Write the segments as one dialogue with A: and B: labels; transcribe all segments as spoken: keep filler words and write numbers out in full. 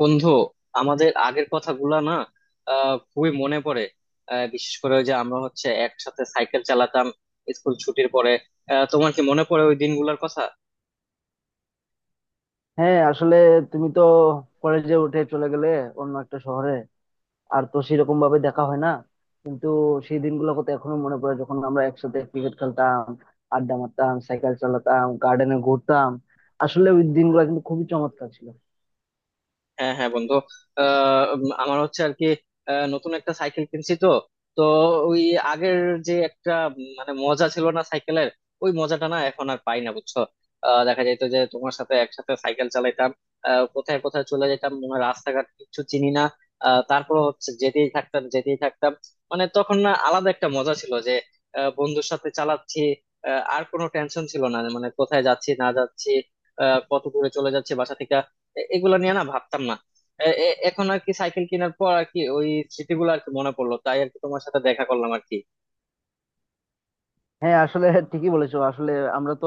A: বন্ধু, আমাদের আগের কথাগুলা না আহ খুবই মনে পড়ে। আহ, বিশেষ করে ওই যে আমরা হচ্ছে একসাথে সাইকেল চালাতাম স্কুল ছুটির পরে। আহ, তোমার কি মনে পড়ে ওই দিনগুলোর কথা?
B: হ্যাঁ, আসলে তুমি তো কলেজে উঠে চলে গেলে অন্য একটা শহরে। আর তো সেরকম ভাবে দেখা হয় না, কিন্তু সেই দিনগুলো কত এখনো মনে পড়ে যখন আমরা একসাথে ক্রিকেট খেলতাম, আড্ডা মারতাম, সাইকেল চালাতাম, গার্ডেনে ঘুরতাম। আসলে ওই দিনগুলো কিন্তু খুবই চমৎকার ছিল।
A: হ্যাঁ হ্যাঁ বন্ধু, আহ উম, আমার হচ্ছে আর কি আহ, নতুন একটা সাইকেল কিনছি তো। তো ওই আগের যে একটা উম, মানে মজা ছিল না সাইকেলের, ওই মজাটা না এখন আর পাই না বুঝছো। আহ, দেখা যেত যে তোমার সাথে একসাথে সাইকেল চালাইতাম, আহ, কোথায় কোথায় চলে যেতাম মনে হয় রাস্তাঘাট কিছু চিনি না। আহ, তারপর হচ্ছে যেতেই থাকতাম যেতেই থাকতাম, মানে তখন না আলাদা একটা মজা ছিল যে আহ, বন্ধুর সাথে চালাচ্ছি। আহ, আর কোনো টেনশন ছিল না, মানে কোথায় যাচ্ছি না যাচ্ছি, আহ, কত দূরে চলে যাচ্ছি বাসা থেকে, এ- এগুলা নিয়ে না ভাবতাম না। এ- এ- এখন আর কি সাইকেল কেনার পর আর কি ওই স্মৃতিগুলো আর কি মনে পড়লো, তাই আর কি তোমার সাথে দেখা করলাম আর কি।
B: হ্যাঁ, আসলে ঠিকই বলেছো। আসলে আমরা তো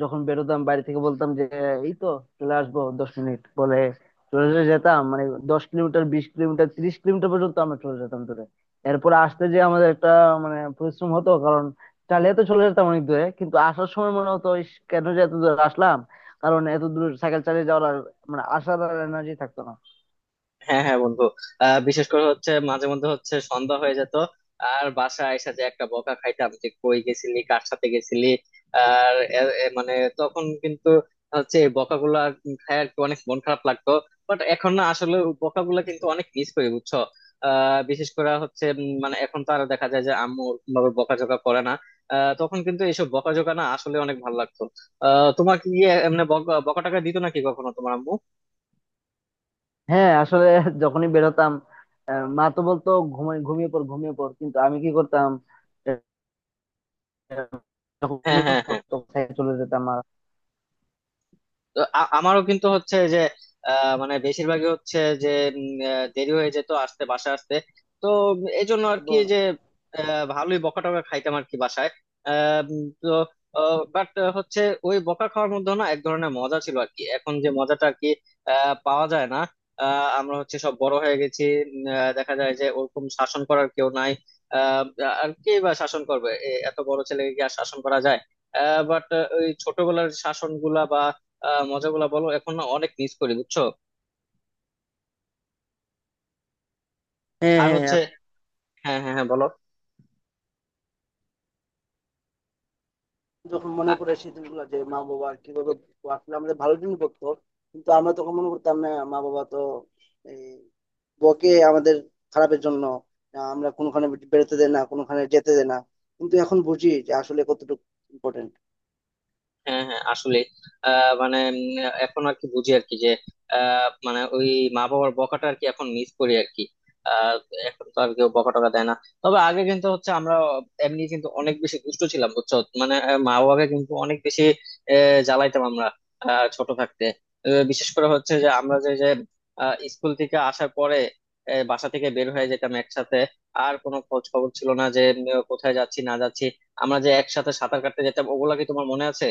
B: যখন বেরোতাম বাড়ি থেকে বলতাম যে এই তো চলে আসবো দশ মিনিট বলে চলে চলে যেতাম, মানে দশ কিলোমিটার, বিশ কিলোমিটার, তিরিশ কিলোমিটার পর্যন্ত আমরা চলে যেতাম দূরে। এরপরে আসতে যে আমাদের একটা মানে পরিশ্রম হতো, কারণ চালিয়ে তো চলে যেতাম অনেক দূরে, কিন্তু আসার সময় মনে হতো ইস, কেন যে এত দূরে আসলাম। কারণ এত দূর সাইকেল চালিয়ে যাওয়ার আর মানে আসার আর এনার্জি থাকতো না।
A: হ্যাঁ হ্যাঁ বন্ধু, আহ বিশেষ করে হচ্ছে মাঝে মধ্যে হচ্ছে সন্ধ্যা হয়ে যেত, আর বাসায় আইসা যে একটা বকা খাইতাম যে কই গেছিলি কার সাথে গেছিলি। আর এ- এ মানে তখন কিন্তু হচ্ছে এই বকাগুলা খায় আর কি অনেক মন খারাপ লাগতো। বাট এখন না আসলে বকাগুলা কিন্তু অনেক মিস করি বুঝছো। আহ বিশেষ করে হচ্ছে উম, মানে এখন তো আরো দেখা যায় যে আম্মু ওরকম ভাবে বকাঝকা করে না। আহ তখন কিন্তু এইসব বকাঝকা না আসলে অনেক ভালো লাগতো। আহ তোমার কি এমনি বকা বকাটাকা দিত নাকি কখনো তোমার আম্মু?
B: হ্যাঁ, আসলে যখনই বেরোতাম, আহ, মা তো বলতো ঘুমিয়ে ঘুমিয়ে পড়, ঘুমিয়ে পড়, কিন্তু আমি কি করতাম? যখন
A: হ্যাঁ
B: আমি
A: হ্যাঁ
B: পড়তাম,
A: হ্যাঁ,
B: তখন সাইকেলে চলে যেতাম আর
A: তো আ- আমারও কিন্তু হচ্ছে যে আহ, মানে বেশিরভাগই হচ্ছে যে উম, আহ, দেরি হয়ে যেত আসতে, বাসায় আসতে। তো এই জন্য আর কি
B: এবং।
A: যে আহ, ভালোই বকা টকা খাইতাম আর কি বাসায়। আহ, উম, তো বাট হচ্ছে ওই বকা খাওয়ার মধ্যে না এক ধরনের মজা ছিল আর কি, এখন যে মজাটা আর কি আহ, পাওয়া যায় না। আহ, আমরা হচ্ছে সব বড় হয়ে গেছি। উম, আহ, দেখা যায় যে ওরকম শাসন করার কেউ নাই। আহ, আর কে বা শাসন করবে? এ- এত বড় ছেলেকে কি আর শাসন করা যায়? বাট ওই ছোটবেলার শাসন গুলা বা আহ মজাগুলা বলো, এখন না অনেক মিস করি বুঝছো।
B: হ্যাঁ,
A: আর
B: হ্যাঁ,
A: হচ্ছে
B: এখন
A: হ্যাঁ হ্যাঁ হ্যাঁ বলো।
B: যখন মনে পড়ে সেদিনগুলো যে মা বাবা কিভাবে আসলে আমাদের ভালো দিন করতো, কিন্তু আমরা তখন মনে করতাম না মা বাবা তো এই, বকে আমাদের খারাপের জন্য। না, আমরা কোনোখানে বেরোতে দেয় না, কোনোখানে যেতে দেয় না, কিন্তু এখন বুঝি যে আসলে কতটুকু ইম্পর্টেন্ট।
A: হ্যাঁ হ্যাঁ আসলে আহ মানে উম, এখন আর কি বুঝি আর কি যে আহ, মানে ওই মা বাবার বকাটা আর কি এখন মিস করি আর কি। আহ, এখন তো আর কেউ বকা টকা দেয় না। তবে আগে কিন্তু হচ্ছে আমরা এমনি কিন্তু অনেক বেশি দুষ্ট ছিলাম বুঝছো। মানে আহ, মা বাবাকে কিন্তু অনেক বেশি আহ, জ্বালাইতাম আমরা আহ, ছোট থাকতে। আহ, বিশেষ করে হচ্ছে যে আমরা যে যে আহ, স্কুল থেকে আসার পরে আহ, বাসা থেকে বের হয়ে যেতাম একসাথে। আর কোনো খোঁজ খবর ছিল না যে উম, কোথায় যাচ্ছি না যাচ্ছি। আমরা যে একসাথে সাঁতার কাটতে যেতাম, ওগুলা কি তোমার মনে আছে?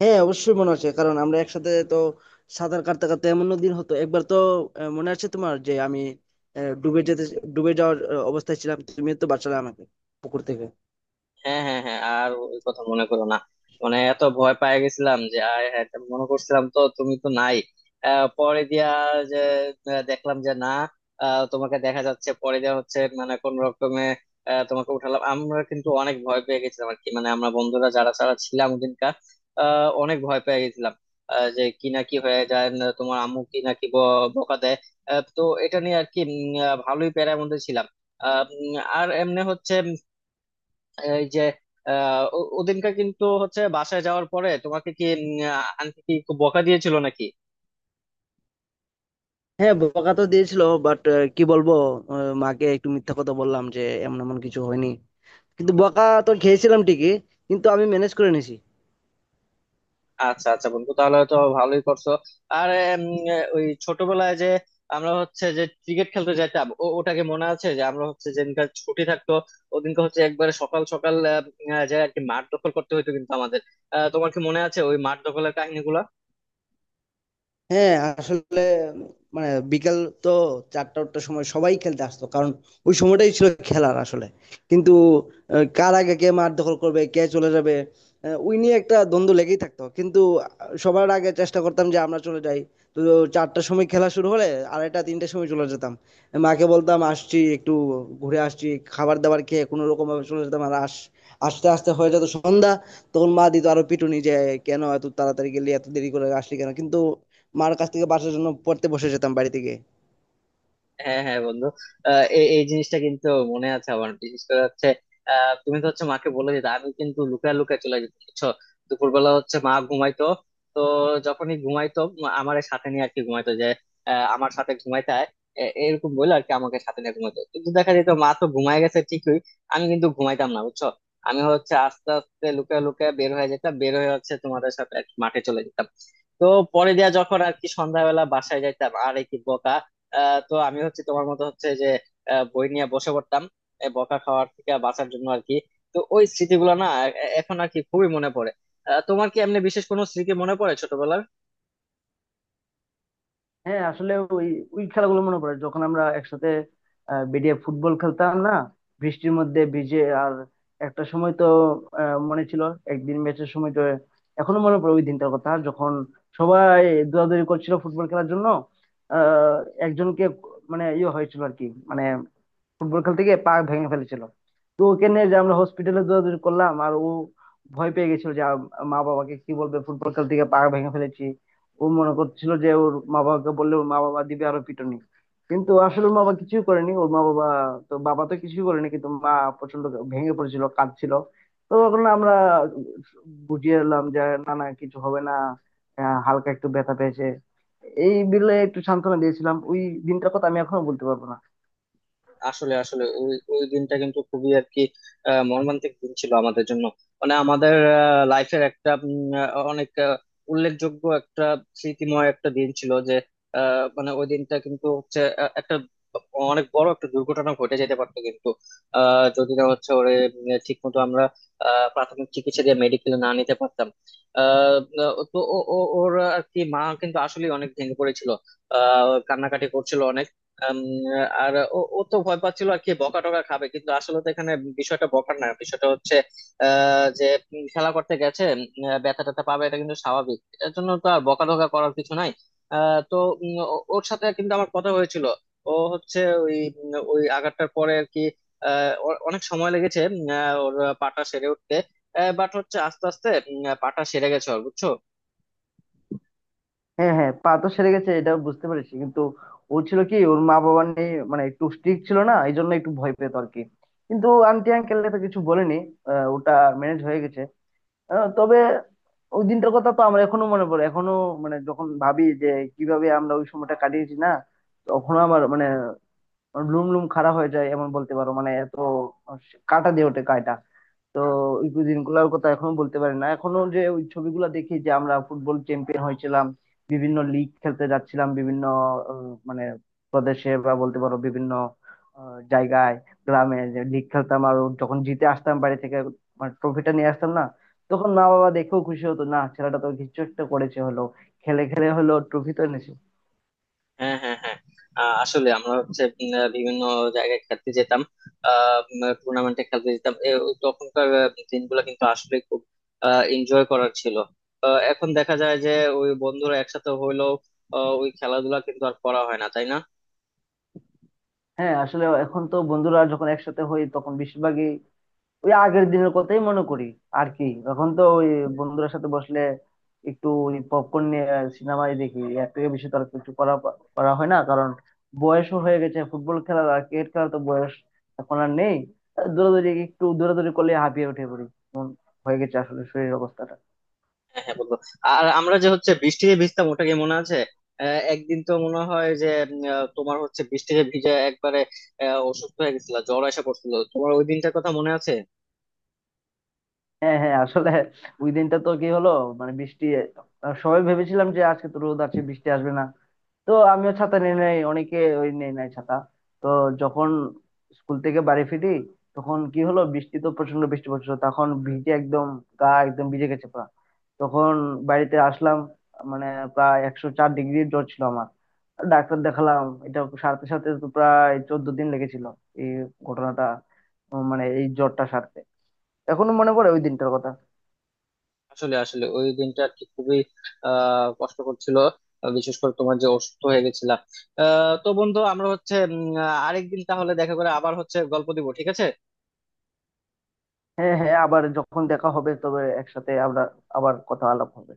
B: হ্যাঁ, অবশ্যই মনে আছে, কারণ আমরা একসাথে তো সাঁতার কাটতে কাটতে এমন দিন হতো একবার তো, আহ, মনে আছে তোমার যে আমি আহ, ডুবে যেতে ডুবে যাওয়ার আহ, অবস্থায় ছিলাম, তুমি তো বাঁচালে আমাকে পুকুর থেকে।
A: হ্যাঁ হ্যাঁ হ্যাঁ, আর ওই কথা মনে করো না, মানে এত ভয় পেয়ে গেছিলাম যে আয় হ্যাঁ এটা মনে করছিলাম তো তুমি তো নাই। আহ, পরে দিয়া যে আহ, দেখলাম যে না, আহ, তোমাকে দেখা যাচ্ছে, পরে দেওয়া হচ্ছে মানে কোন রকমে আহ, তোমাকে উঠালাম। আমরা কিন্তু অনেক ভয় পেয়ে গেছিলাম আর কি, মানে আমরা বন্ধুরা যারা যারা ছিলাম ওদিনকার আহ, অনেক ভয় পেয়ে গেছিলাম। আহ, যে কি না কি হয়ে যায় না, তোমার আম্মু কি না কি ব- বকা দেয়। আহ, তো এটা নিয়ে আর কি উম, আহ, ভালোই প্যারার মধ্যে ছিলাম। আহ, উম, আর এমনি হচ্ছে এই যে আহ ও- ওদিনকার কিন্তু হচ্ছে বাসায় যাওয়ার পরে তোমাকে কি উম, আহ, আন্টি কি খুব বকা দিয়েছিল নাকি?
B: হ্যাঁ, বকা তো দিয়েছিল। বাট কি বলবো, আহ, মাকে একটু মিথ্যা কথা বললাম যে এমন এমন কিছু হয়নি। কিন্তু বকা তো খেয়েছিলাম ঠিকই, কিন্তু আমি ম্যানেজ করে নিয়েছি।
A: আচ্ছা আচ্ছা বন্ধু, তাহলে তো ভালোই করছো। আর উম, ওই ছোটবেলায় যে আমরা হচ্ছে যে ক্রিকেট খেলতে যেতাম, ও- ওটাকে মনে আছে যে আমরা হচ্ছে যেদিনকার ছুটি থাকতো ওদিনকে হচ্ছে একবারে সকাল সকাল আহ, উম, আহ, যে আর কি মাঠ দখল করতে হতো কিন্তু আমাদের। আহ, তোমার কি মনে আছে ওই মাঠ দখলের কাহিনীগুলো?
B: হ্যাঁ, আসলে মানে বিকাল তো চারটা চারটার সময় সবাই খেলতে আসতো, কারণ ওই সময়টাই ছিল খেলার আসলে। কিন্তু আহ, কার আগে কে মাঠ দখল করবে, কে চলে যাবে, আহ, ওই নিয়ে একটা দ্বন্দ্ব লেগেই থাকতো, কিন্তু আহ, সবার আগে চেষ্টা করতাম যে আমরা চলে যাই। তো চারটার সময় খেলা শুরু হলে আড়াইটা তিনটার সময় চলে যেতাম। মাকে বলতাম আসছি একটু, ঘুরে আসছি। খাবার দাবার খেয়ে কোনো রকম ভাবে চলে যেতাম আর আস আস্তে আস্তে হয়ে যেত সন্ধ্যা। তখন মা দিত আরো পিটুনি যে কেন এত তাড়াতাড়ি গেলি, এত দেরি করে আসলি কেন, কিন্তু মার কাছ থেকে বাঁচার জন্য পড়তে বসে যেতাম বাড়ি থেকে।
A: হ্যাঁ হ্যাঁ বন্ধু, আহ, এই এই জিনিসটা কিন্তু মনে আছে আমার। বিশেষ করে হচ্ছে আহ, তুমি তো হচ্ছে মাকে বলে দিতে, আমি কিন্তু লুকায় লুকায় চলে যেতাম বুঝছো। দুপুরবেলা হচ্ছে মা ঘুমাইতো, তো যখনই ঘুমাইতো মা আমার সাথে নিয়ে আর কি ঘুমাইতো, যে আহ, আমার সাথে ঘুমাইতে আয়, এ- এরকম বলে আর কি আমাকে সাথে নিয়ে ঘুমাইতো। কিন্তু দেখা যেত মা তো ঘুমায় গেছে ঠিকই, আমি কিন্তু ঘুমাইতাম না বুঝছো। আমি হচ্ছে আস্তে আস্তে লুকায় লুকায় বের হয়ে যেতাম, বের হয়ে হচ্ছে তোমাদের সাথে আর কি মাঠে চলে যেতাম। তো পরে দিয়া যখন আর কি সন্ধ্যাবেলা বাসায় যাইতাম আর কি বোকা। আহ তো আমি হচ্ছে তোমার মতো হচ্ছে যে আহ, বই নিয়ে বসে পড়তাম, এ বকা খাওয়ার থেকে বাঁচার জন্য আর কি। তো ওই স্মৃতিগুলো না এ- এখন আর কি খুবই মনে পড়ে। আহ, তোমার কি এমনি বিশেষ কোনো স্মৃতি মনে পড়ে ছোটবেলার?
B: হ্যাঁ, আসলে ওই ওই খেলাগুলো মনে পড়ে যখন আমরা একসাথে আহ, বেরিয়ে ফুটবল খেলতাম না বৃষ্টির মধ্যে ভিজে। আর একটা সময় তো আহ, মনে ছিল একদিন ম্যাচের সময় তো এখনো মনে পড়ে ওই দিনটার কথা যখন সবাই দৌড়াদৌড়ি করছিল ফুটবল খেলার জন্য। আহ একজনকে মানে ইয়ে হয়েছিল আর কি, মানে ফুটবল খেলতে গিয়ে পা ভেঙে ফেলেছিল। তো ওকে নিয়ে যে আমরা হসপিটালে দৌড়াদৌড়ি করলাম, আর ও ভয় পেয়ে গেছিল যে আম- মা বাবাকে কি বলবে, ফুটবল খেলতে গিয়ে পা ভেঙে ফেলেছি। ও মনে করছিল যে ওর মা বাবাকে বললে ওর মা বাবা দিবে আরো পিটুনি, কিন্তু আসলে ওর মা বাবা কিছুই করেনি। ওর মা বাবা তো, বাবা তো কিছুই করেনি, কিন্তু মা প্রচন্ড ভেঙে পড়েছিল, কাঁদছিল। তো তখন আমরা বুঝিয়ে এলাম যে না না কিছু হবে না, আহ, হালকা একটু ব্যথা পেয়েছে। এই বিলে একটু সান্ত্বনা দিয়েছিলাম। ওই দিনটার কথা আমি এখনো বলতে পারবো না।
A: আসলে আসলে ওই ওই দিনটা কিন্তু খুবই আর কি আহ, মর্মান্তিক দিন ছিল আমাদের জন্য। মানে আমাদের লাইফের একটা উম, আহ, অনেক আহ, উল্লেখযোগ্য একটা স্মৃতিময় একটা দিন ছিল যে আহ, মানে ওই দিনটা কিন্তু হচ্ছে আহ, একটা অনেক বড় একটা দুর্ঘটনা ঘটে যেতে পারতো, কিন্তু আহ যদি না হচ্ছে ওরে ঠিক মতো আমরা আহ, প্রাথমিক চিকিৎসা দিয়ে মেডিকেলে না নিতে পারতাম। আহ তো ও- ও- ওর আর কি মা কিন্তু আসলে অনেক ভেঙে পড়েছিল, আহ কান্নাকাটি করছিল অনেক। আম, আর ও ও তো ভয় পাচ্ছিল আর কি বকা টকা খাবে, কিন্তু আসলে তো এখানে বিষয়টা বকার না, বিষয়টা হচ্ছে আহ, যে উম, খেলা করতে গেছে, উম, ব্যথা ট্যাথা পাবে এটা কিন্তু স্বাভাবিক, এর জন্য তো আর বকা টকা করার কিছু নাই। আহ, তো উম, ও- ওর সাথে কিন্তু আমার কথা হয়েছিল। ও হচ্ছে ওই উম, ওই আঘাতটার পরে আর কি আহ, ওর অনেক সময় লেগেছে উম, আহ, ওর পাটা সেরে উঠতে। বাট হচ্ছে আস্তে আস্তে উম, পাটা সেরে গেছে ওর বুঝছো।
B: হ্যাঁ, হ্যাঁ, পা তো সেরে গেছে এটা বুঝতে পেরেছি, কিন্তু ও ছিল কি ওর মা বাবা নিয়ে মানে একটু স্ট্রিক্ট ছিল না, এই জন্য একটু ভয় পেত আর কি। কিন্তু আন্টি আঙ্কেল তো কিছু বলেনি। আহ, ওটা ম্যানেজ হয়ে গেছে। আহ, তবে ওই দিনটার কথা তো আমার এখনো মনে পড়ে এখনো। মানে যখন ভাবি যে কিভাবে আমরা ওই সময়টা কাটিয়েছি না, তখনও আমার মানে লুম লুম খাড়া হয়ে যায় এমন বলতে পারো, মানে এত কাটা দিয়ে ওঠে। তো ওই দিনগুলোর কথা এখনো বলতে পারি না এখনো, যে ওই ছবিগুলো দেখি যে আমরা ফুটবল চ্যাম্পিয়ন হয়েছিলাম, বিভিন্ন লিগ খেলতে যাচ্ছিলাম, বিভিন্ন আহ, মানে প্রদেশে বা বলতে পারো বিভিন্ন আহ, জায়গায়, গ্রামে যে লিগ খেলতাম, আর যখন জিতে আসতাম বাড়ি থেকে, মানে ট্রফিটা নিয়ে আসতাম না, তখন মা বাবা দেখেও খুশি হতো না, ছেলেটা তো কিছু একটা করেছে হলো, খেলে খেলে হলো ট্রফি তো এনেছে।
A: হ্যাঁ হ্যাঁ হ্যাঁ, আহ, আসলে আমরা হচ্ছে উম, আহ, বিভিন্ন জায়গায় খেলতে যেতাম, টুর্নামেন্টে খেলতে যেতাম। এ, ওই তখনকার আহ, দিনগুলো কিন্তু আসলে খুব এনজয় করার ছিল। আহ, এখন দেখা যায় যে ওই বন্ধুরা একসাথে হইলেও আহ, ওই খেলাধুলা কিন্তু আর করা হয় না, তাই না?
B: হ্যাঁ, আসলে এখন তো বন্ধুরা যখন একসাথে হই তখন বেশিরভাগই ওই আগের দিনের কথাই মনে করি আর কি। এখন তো ওই বন্ধুদের সাথে বসলে একটু ওই পপকর্ন নিয়ে সিনেমাই দেখি, এর থেকে বেশি তো আর কিছু করা করা হয় না, কারণ বয়সও হয়ে গেছে। ফুটবল খেলা আর ক্রিকেট খেলা তো বয়স এখন আর নেই। আহ দৌড়াদৌড়ি একটু দৌড়াদৌড়ি করলে হাঁপিয়ে উঠে পড়ি, হয়ে গেছে আসলে শরীরের অবস্থাটা।
A: হ্যাঁ হ্যাঁ বন্ধু, আর আমরা যে হচ্ছে বৃষ্টিতে ভিজতাম ওটা কি মনে আছে? আহ, একদিন তো মনে হয় যে উম, আহ, তোমার হচ্ছে বৃষ্টিতে ভিজে একবারে আহ, অসুস্থ হয়ে গেছিল, জ্বর এসে পড়ছিল তোমার, ওই দিনটার কথা মনে আছে?
B: হ্যাঁ, হ্যাঁ, আসলে ওই দিনটা তো কি হলো, মানে বৃষ্টি, আহ, সবাই ভেবেছিলাম যে আজকে তো রোদ আছে বৃষ্টি আসবে না। তো আমিও ছাতা নিয়ে নেই, অনেকে ওই নেই নাই ছাতা। তো যখন স্কুল থেকে বাড়ি ফিরি তখন কি হলো, বৃষ্টি তো প্রচন্ড বৃষ্টি পড়ছিল, তখন ভিজে একদম গা একদম ভিজে গেছে পুরো। তখন বাড়িতে আসলাম, মানে প্রায় একশো চার ডিগ্রি জ্বর ছিল আমার। ডাক্তার দেখালাম, এটা সারতে সারতে তো প্রায় চোদ্দ দিন লেগেছিল। এই ঘটনাটা মানে এই জ্বরটা সারতে এখনো মনে পড়ে ওই দিনটার কথা।
A: আসলে আসলে ওই দিনটা আর কি খুবই আহ কষ্টকর ছিল। আহ, বিশেষ করে তোমার যে অসুস্থ হয়ে গেছিলা। আহ, তো বন্ধু, আমরা হচ্ছে উম, আহ, আরেকদিন তাহলে দেখা করে আবার হচ্ছে গল্প দিব, ঠিক আছে?
B: হ্যাঁ, হ্যাঁ, আবার যখন দেখা হবে তবে একসাথে আমরা আবার কথা আলাপ হবে।